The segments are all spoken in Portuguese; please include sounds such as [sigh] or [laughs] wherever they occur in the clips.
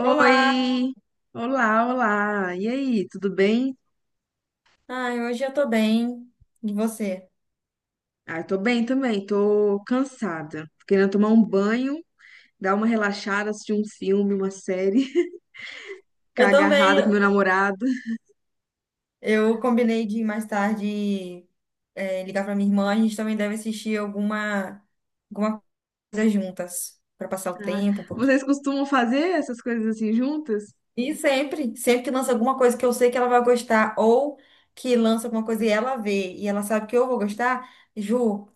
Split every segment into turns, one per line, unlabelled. Olá!
olá, olá. E aí, tudo bem?
Ai, hoje eu tô bem. E você?
Ah, tô bem também, tô cansada. Tô querendo tomar um banho, dar uma relaxada, assistir um filme, uma série, [laughs] ficar
Eu também.
agarrada com meu namorado.
Eu combinei de mais tarde ligar pra minha irmã. A gente também deve assistir alguma coisa juntas, pra passar o
Ah,
tempo um pouquinho.
vocês costumam fazer essas coisas assim juntas?
E sempre que lança alguma coisa que eu sei que ela vai gostar, ou que lança alguma coisa e ela vê, e ela sabe que eu vou gostar, Ju,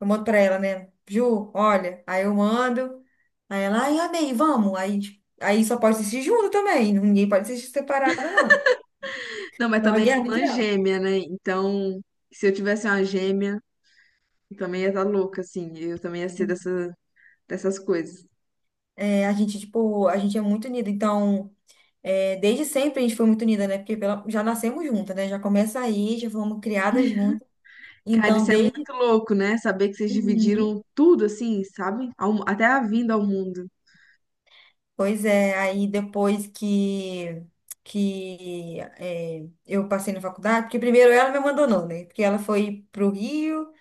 eu mando pra ela, né? Ju, olha. Aí eu mando. Aí ela, ai, amei, vamos. Aí, tipo, aí só pode assistir junto também. Ninguém pode assistir separado, não.
Não, mas
Não é
também é
guerra
irmã
mundial.
gêmea, né? Então, se eu tivesse uma gêmea, eu também ia estar louca, assim. Eu também ia ser dessas coisas.
É, a gente, tipo, a gente é muito unida. Então, desde sempre a gente foi muito unida, né? Porque já nascemos juntas, né? Já começa aí, já fomos criadas juntas.
Cara,
Então,
isso é
desde.
muito louco, né? Saber que vocês
Uhum.
dividiram tudo, assim, sabe? Até a vinda ao mundo.
Pois é, aí depois eu passei na faculdade, porque primeiro ela me abandonou, né? Porque ela foi pro Rio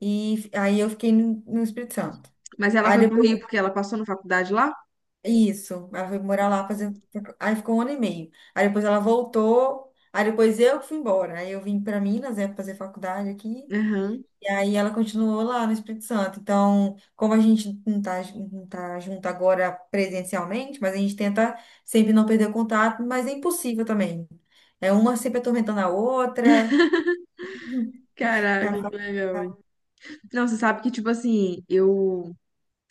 e aí eu fiquei no Espírito Santo.
Mas ela
Aí
foi pro
depois
Rio porque ela passou na faculdade lá?
isso, ela foi morar lá fazer. Aí ficou um ano e meio. Aí depois ela voltou. Aí depois eu que fui embora. Aí eu vim para Minas, né, fazer faculdade aqui.
Aham.
E aí ela continuou lá no Espírito Santo. Então, como a gente não tá junto agora presencialmente, mas a gente tenta sempre não perder o contato, mas é impossível também. É uma sempre atormentando a outra. É a
Caraca,
fa-
que legal, hein? Não, você sabe que, tipo assim, eu,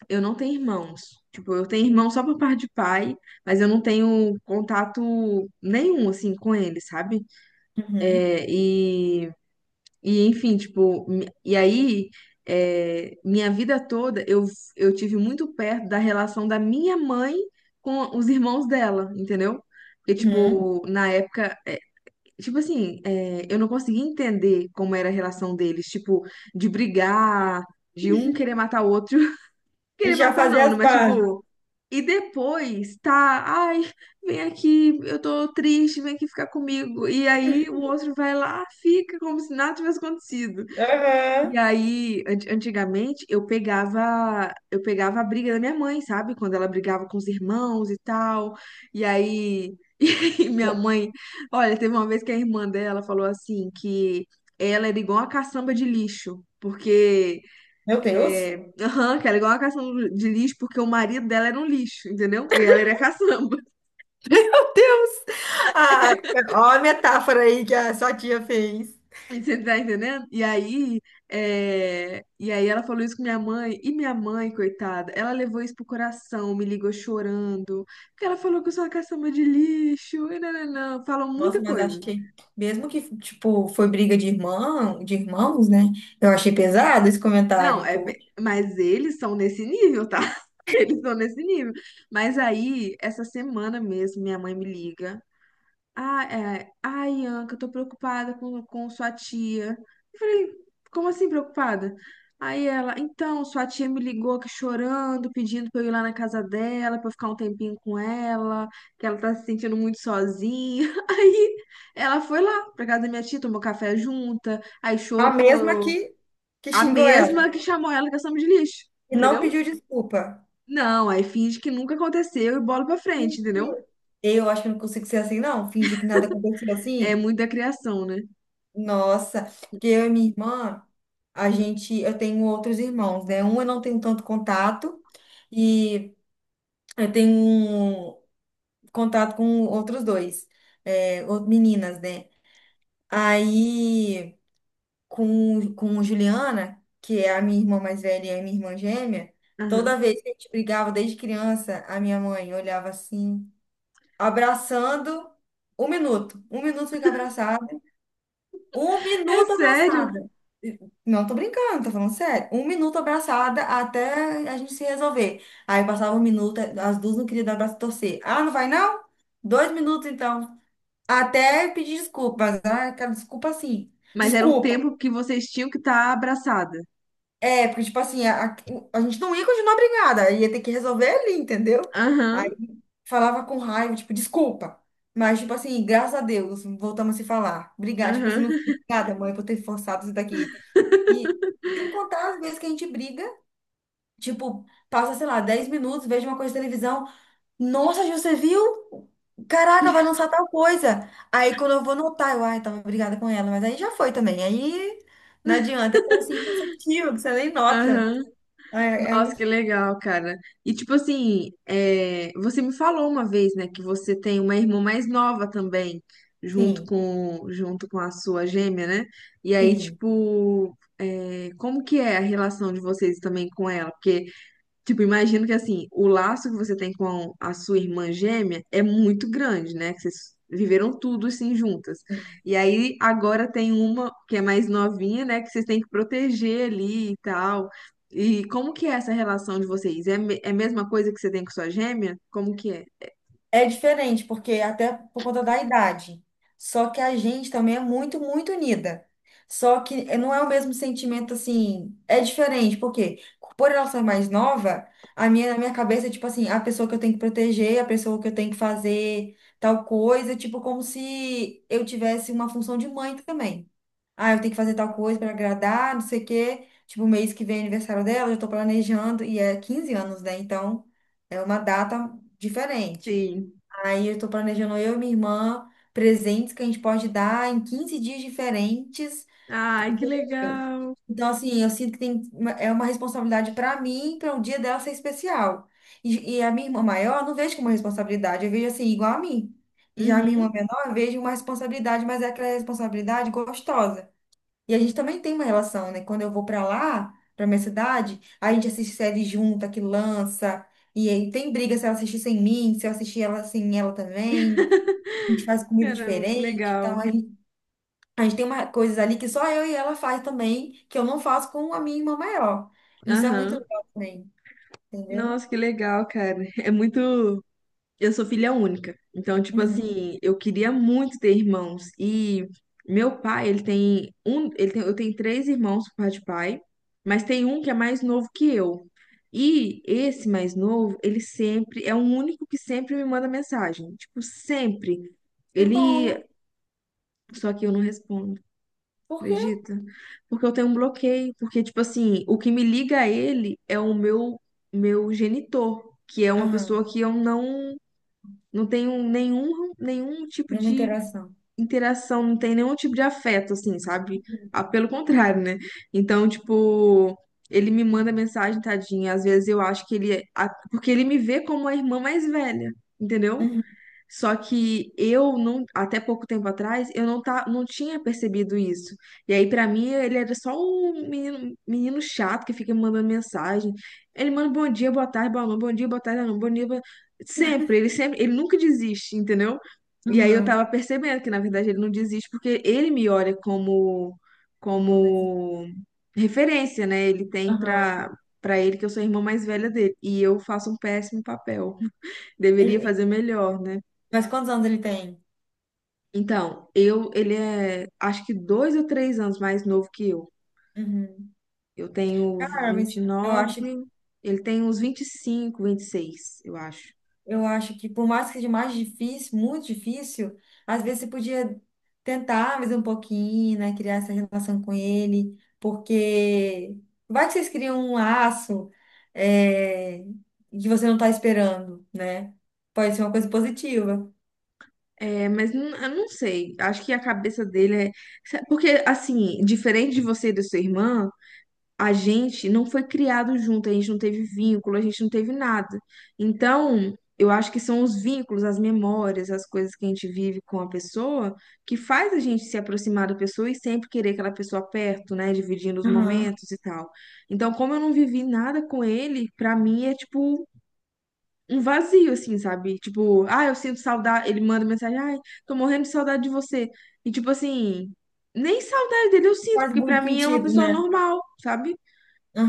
eu não tenho irmãos. Tipo, eu tenho irmão só por parte de pai, mas eu não tenho contato nenhum, assim, com ele, sabe?
Uhum,
É, e, Enfim, tipo, e aí, minha vida toda eu tive muito perto da relação da minha mãe com os irmãos dela, entendeu? Porque,
uhum.
tipo, tipo assim, eu não conseguia entender como era a relação deles, tipo, de brigar, de um querer
[laughs]
matar o outro. [laughs]
E
Querer
já
matar
fazer
não, né?
as
Mas
pazes.
tipo. E depois tá, ai, vem aqui, eu tô triste, vem aqui ficar comigo. E aí o outro vai lá, fica como se nada tivesse acontecido. E
Aham.
aí, antigamente, eu pegava a briga da minha mãe, sabe? Quando ela brigava com os irmãos e tal. E aí, [laughs] e aí minha
Pô,
mãe, olha, teve uma vez que a irmã dela falou assim que ela era igual a caçamba de lixo, porque
meu Deus.
[laughs] aham, que ela era igual a caçamba de lixo porque o marido dela era um lixo, entendeu? E ela era caçamba.
Meu Deus! Ah, ó a metáfora aí que a sua tia fez.
Você tá entendendo? E aí, e aí ela falou isso com minha mãe, e minha mãe, coitada, ela levou isso pro coração, me ligou chorando, porque ela falou que eu sou uma caçamba de lixo, e não falam
Nossa,
muita
mas
coisa.
achei, mesmo que, tipo, foi briga de irmão, de irmãos, né? Eu achei pesado esse
Não,
comentário, pô.
mas eles são nesse nível, tá? [laughs] Eles são nesse nível. Mas aí, essa semana mesmo, minha mãe me liga. Ah, é. Ai, Anca, eu tô preocupada com sua tia. Eu falei, como assim preocupada? Aí ela, então, sua tia me ligou aqui chorando, pedindo pra eu ir lá na casa dela, pra eu ficar um tempinho com ela, que ela tá se sentindo muito sozinha. [laughs] Aí ela foi lá pra casa da minha tia, tomou café junta, aí
A mesma que,
chorou.
que
A
xingou ela
mesma que chamou ela de ação de lixo,
e não
entendeu?
pediu desculpa.
Não, aí finge que nunca aconteceu e bola pra frente, entendeu?
Eu acho que eu não consigo ser assim, não. Fingir que nada aconteceu
É
assim.
muito da criação, né?
Nossa, porque eu e minha irmã, a gente, eu tenho outros irmãos, né? Um eu não tenho tanto contato e eu tenho um. Contato com outros dois, meninas, né? Aí, com Juliana, que é a minha irmã mais velha e a minha irmã gêmea, toda
Aham.
vez que a gente brigava desde criança, a minha mãe olhava assim, abraçando, um minuto fica abraçada, um
É
minuto
sério?
abraçada. Não tô brincando, tô falando sério. Um minuto abraçada até a gente se resolver. Aí passava um minuto, as duas não queriam dar abraço e torcer. Ah, não vai não? 2 minutos então. Até pedir desculpas, né? Aquela desculpa assim.
Mas era um
Desculpa.
tempo que vocês tinham que estar abraçada.
É, porque, tipo assim, a gente não ia continuar brigada, ia ter que resolver ali, entendeu?
Aham,
Aí falava com raiva, tipo, desculpa. Mas, tipo assim, graças a Deus, voltamos a se falar. Obrigada, tipo assim, não
aham.
fui obrigada, mãe, por ter forçado isso daqui. E sem contar as vezes que a gente briga, tipo, passa, sei lá, 10 minutos, vejo uma coisa de televisão. Nossa, Ju, você viu? Caraca, vai
[laughs]
lançar tal coisa. Aí quando eu vou notar, eu, ai, tava brigada com ela, mas aí já foi também. Aí não adianta, é coisa assim imperceptível, que você nem nota.
Aham.
É, é
Nossa, que
muito.
legal, cara. E tipo assim, você me falou uma vez, né, que você tem uma irmã mais nova também, junto
Sim,
com junto com a sua gêmea, né? E aí,
sim.
tipo, como que é a relação de vocês também com ela? Porque tipo, imagino que assim, o laço que você tem com a sua irmã gêmea é muito grande, né? Que vocês viveram tudo assim juntas. E aí agora tem uma que é mais novinha, né? Que vocês têm que proteger ali e tal. E como que é essa relação de vocês? É a mesma coisa que você tem com sua gêmea? Como que é?
É diferente, porque até por conta da idade. Só que a gente também é muito, muito unida. Só que não é o mesmo sentimento assim. É diferente, porque por ela ser mais nova, a minha, na minha cabeça é tipo assim, a pessoa que eu tenho que proteger, a pessoa que eu tenho que fazer tal coisa, tipo como se eu tivesse uma função de mãe também. Ah, eu tenho que fazer tal coisa para agradar, não sei o quê. Tipo, mês que vem é aniversário dela, eu já tô planejando, e é 15 anos, né? Então, é uma data diferente.
Sim.
Aí eu estou planejando eu e minha irmã presentes que a gente pode dar em 15 dias diferentes,
Ai, que
entendeu?
legal.
Então, assim, eu sinto que tem uma- é uma responsabilidade para mim, para um dia dela ser especial. E a minha irmã maior, eu não vejo como uma responsabilidade, eu vejo assim, igual a mim. E já a minha
Uhum.
irmã menor, eu vejo uma responsabilidade, mas é aquela responsabilidade gostosa. E a gente também tem uma relação, né? Quando eu vou para lá, para minha cidade, a gente assiste série junta, que lança. E aí tem briga se ela assistir sem mim, se eu assistir ela sem ela também. A gente faz comida
Caramba, que
diferente, então
legal.
a gente tem uma, coisas ali que só eu e ela faz também, que eu não faço com a minha irmã maior. Isso é muito
Aham.
legal também, entendeu?
Nossa, que legal, cara. É muito. Eu sou filha única. Então, tipo
Uhum.
assim, eu queria muito ter irmãos. E meu pai, ele tem um, ele tem, eu tenho três irmãos por parte de pai, mas tem um que é mais novo que eu. E esse mais novo, ele sempre é o único que sempre me manda mensagem, tipo, sempre.
Que
Ele,
bom.
só que eu não respondo,
Por quê?
acredita? Porque eu tenho um bloqueio, porque tipo assim, o que me liga a ele é o meu genitor, que é uma
Aham.
pessoa que eu não tenho nenhum tipo
Nenhuma
de
interação.
interação, não tem nenhum tipo de afeto, assim, sabe?
Uhum.
Ah, pelo contrário, né? Então, tipo, ele me manda mensagem, tadinha. Às vezes eu acho que porque ele me vê como a irmã mais velha, entendeu?
Uhum.
Só que eu não, até pouco tempo atrás, eu não, tá, não tinha percebido isso. E aí, pra mim, ele era só um menino, menino chato que fica me mandando mensagem. Ele manda bom dia, boa tarde, boa noite, bom dia, boa tarde, boa noite, bom dia, boa... sempre, ele nunca desiste, entendeu? E aí eu
Aham.
tava percebendo que, na verdade, ele não desiste porque ele me olha como,
Não, mas é-
como referência, né? Ele tem
Aham.
pra, pra ele que eu sou a irmã mais velha dele. E eu faço um péssimo papel. [laughs] Deveria
E-
fazer melhor, né?
Mas quantos anos ele tem?
Então, eu, acho que 2 ou 3 anos mais novo que eu.
Uhum.
Eu tenho
Cara,
vinte
mas
e
eu acho.
nove Ele tem uns 20, 25, 26, eu acho.
Eu acho que por mais que seja mais difícil, muito difícil, às vezes você podia tentar mais um pouquinho, né? Criar essa relação com ele, porque vai que vocês criam um laço, é que você não está esperando, né? Pode ser uma coisa positiva.
É, mas não, eu não sei, acho que a cabeça dele é. Porque, assim, diferente de você e da sua irmã, a gente não foi criado junto, a gente não teve vínculo, a gente não teve nada. Então, eu acho que são os vínculos, as memórias, as coisas que a gente vive com a pessoa que faz a gente se aproximar da pessoa e sempre querer aquela pessoa perto, né, dividindo os
Aham.
momentos e tal. Então, como eu não vivi nada com ele, pra mim é tipo um vazio assim, sabe? Tipo, ah, eu sinto saudade, ele manda mensagem, ai, tô morrendo de saudade de você. E tipo assim, nem saudade dele eu sinto,
Faz
porque pra
muito
mim é uma
sentido,
pessoa
né?
normal, sabe?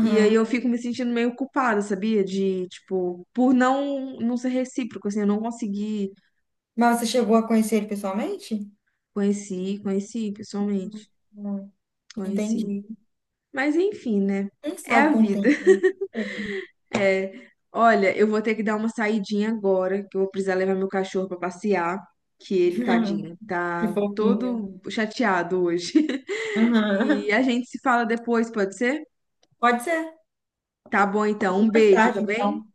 E aí eu fico me sentindo meio culpada, sabia? De, tipo, por não ser recíproco, assim, eu não consegui
Mas você chegou a conhecer ele pessoalmente?
conheci, conheci pessoalmente,
Não,
conheci.
entendi.
Mas enfim, né?
Quem
É a
sabe com o
vida.
tempo, né?
[laughs]
Sei.
Olha, eu vou ter que dar uma saidinha agora, que eu vou precisar levar meu cachorro pra passear, que ele, tadinho,
[laughs] Que
tá
fofinho.
todo chateado hoje. [laughs] E
Aham.
a gente se fala depois, pode ser?
Pode ser.
Tá bom então, um
Mais
beijo, tá
tarde,
bem?
então.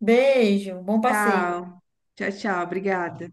Beijo, bom passeio.
Tchau. Tchau, tchau, obrigada.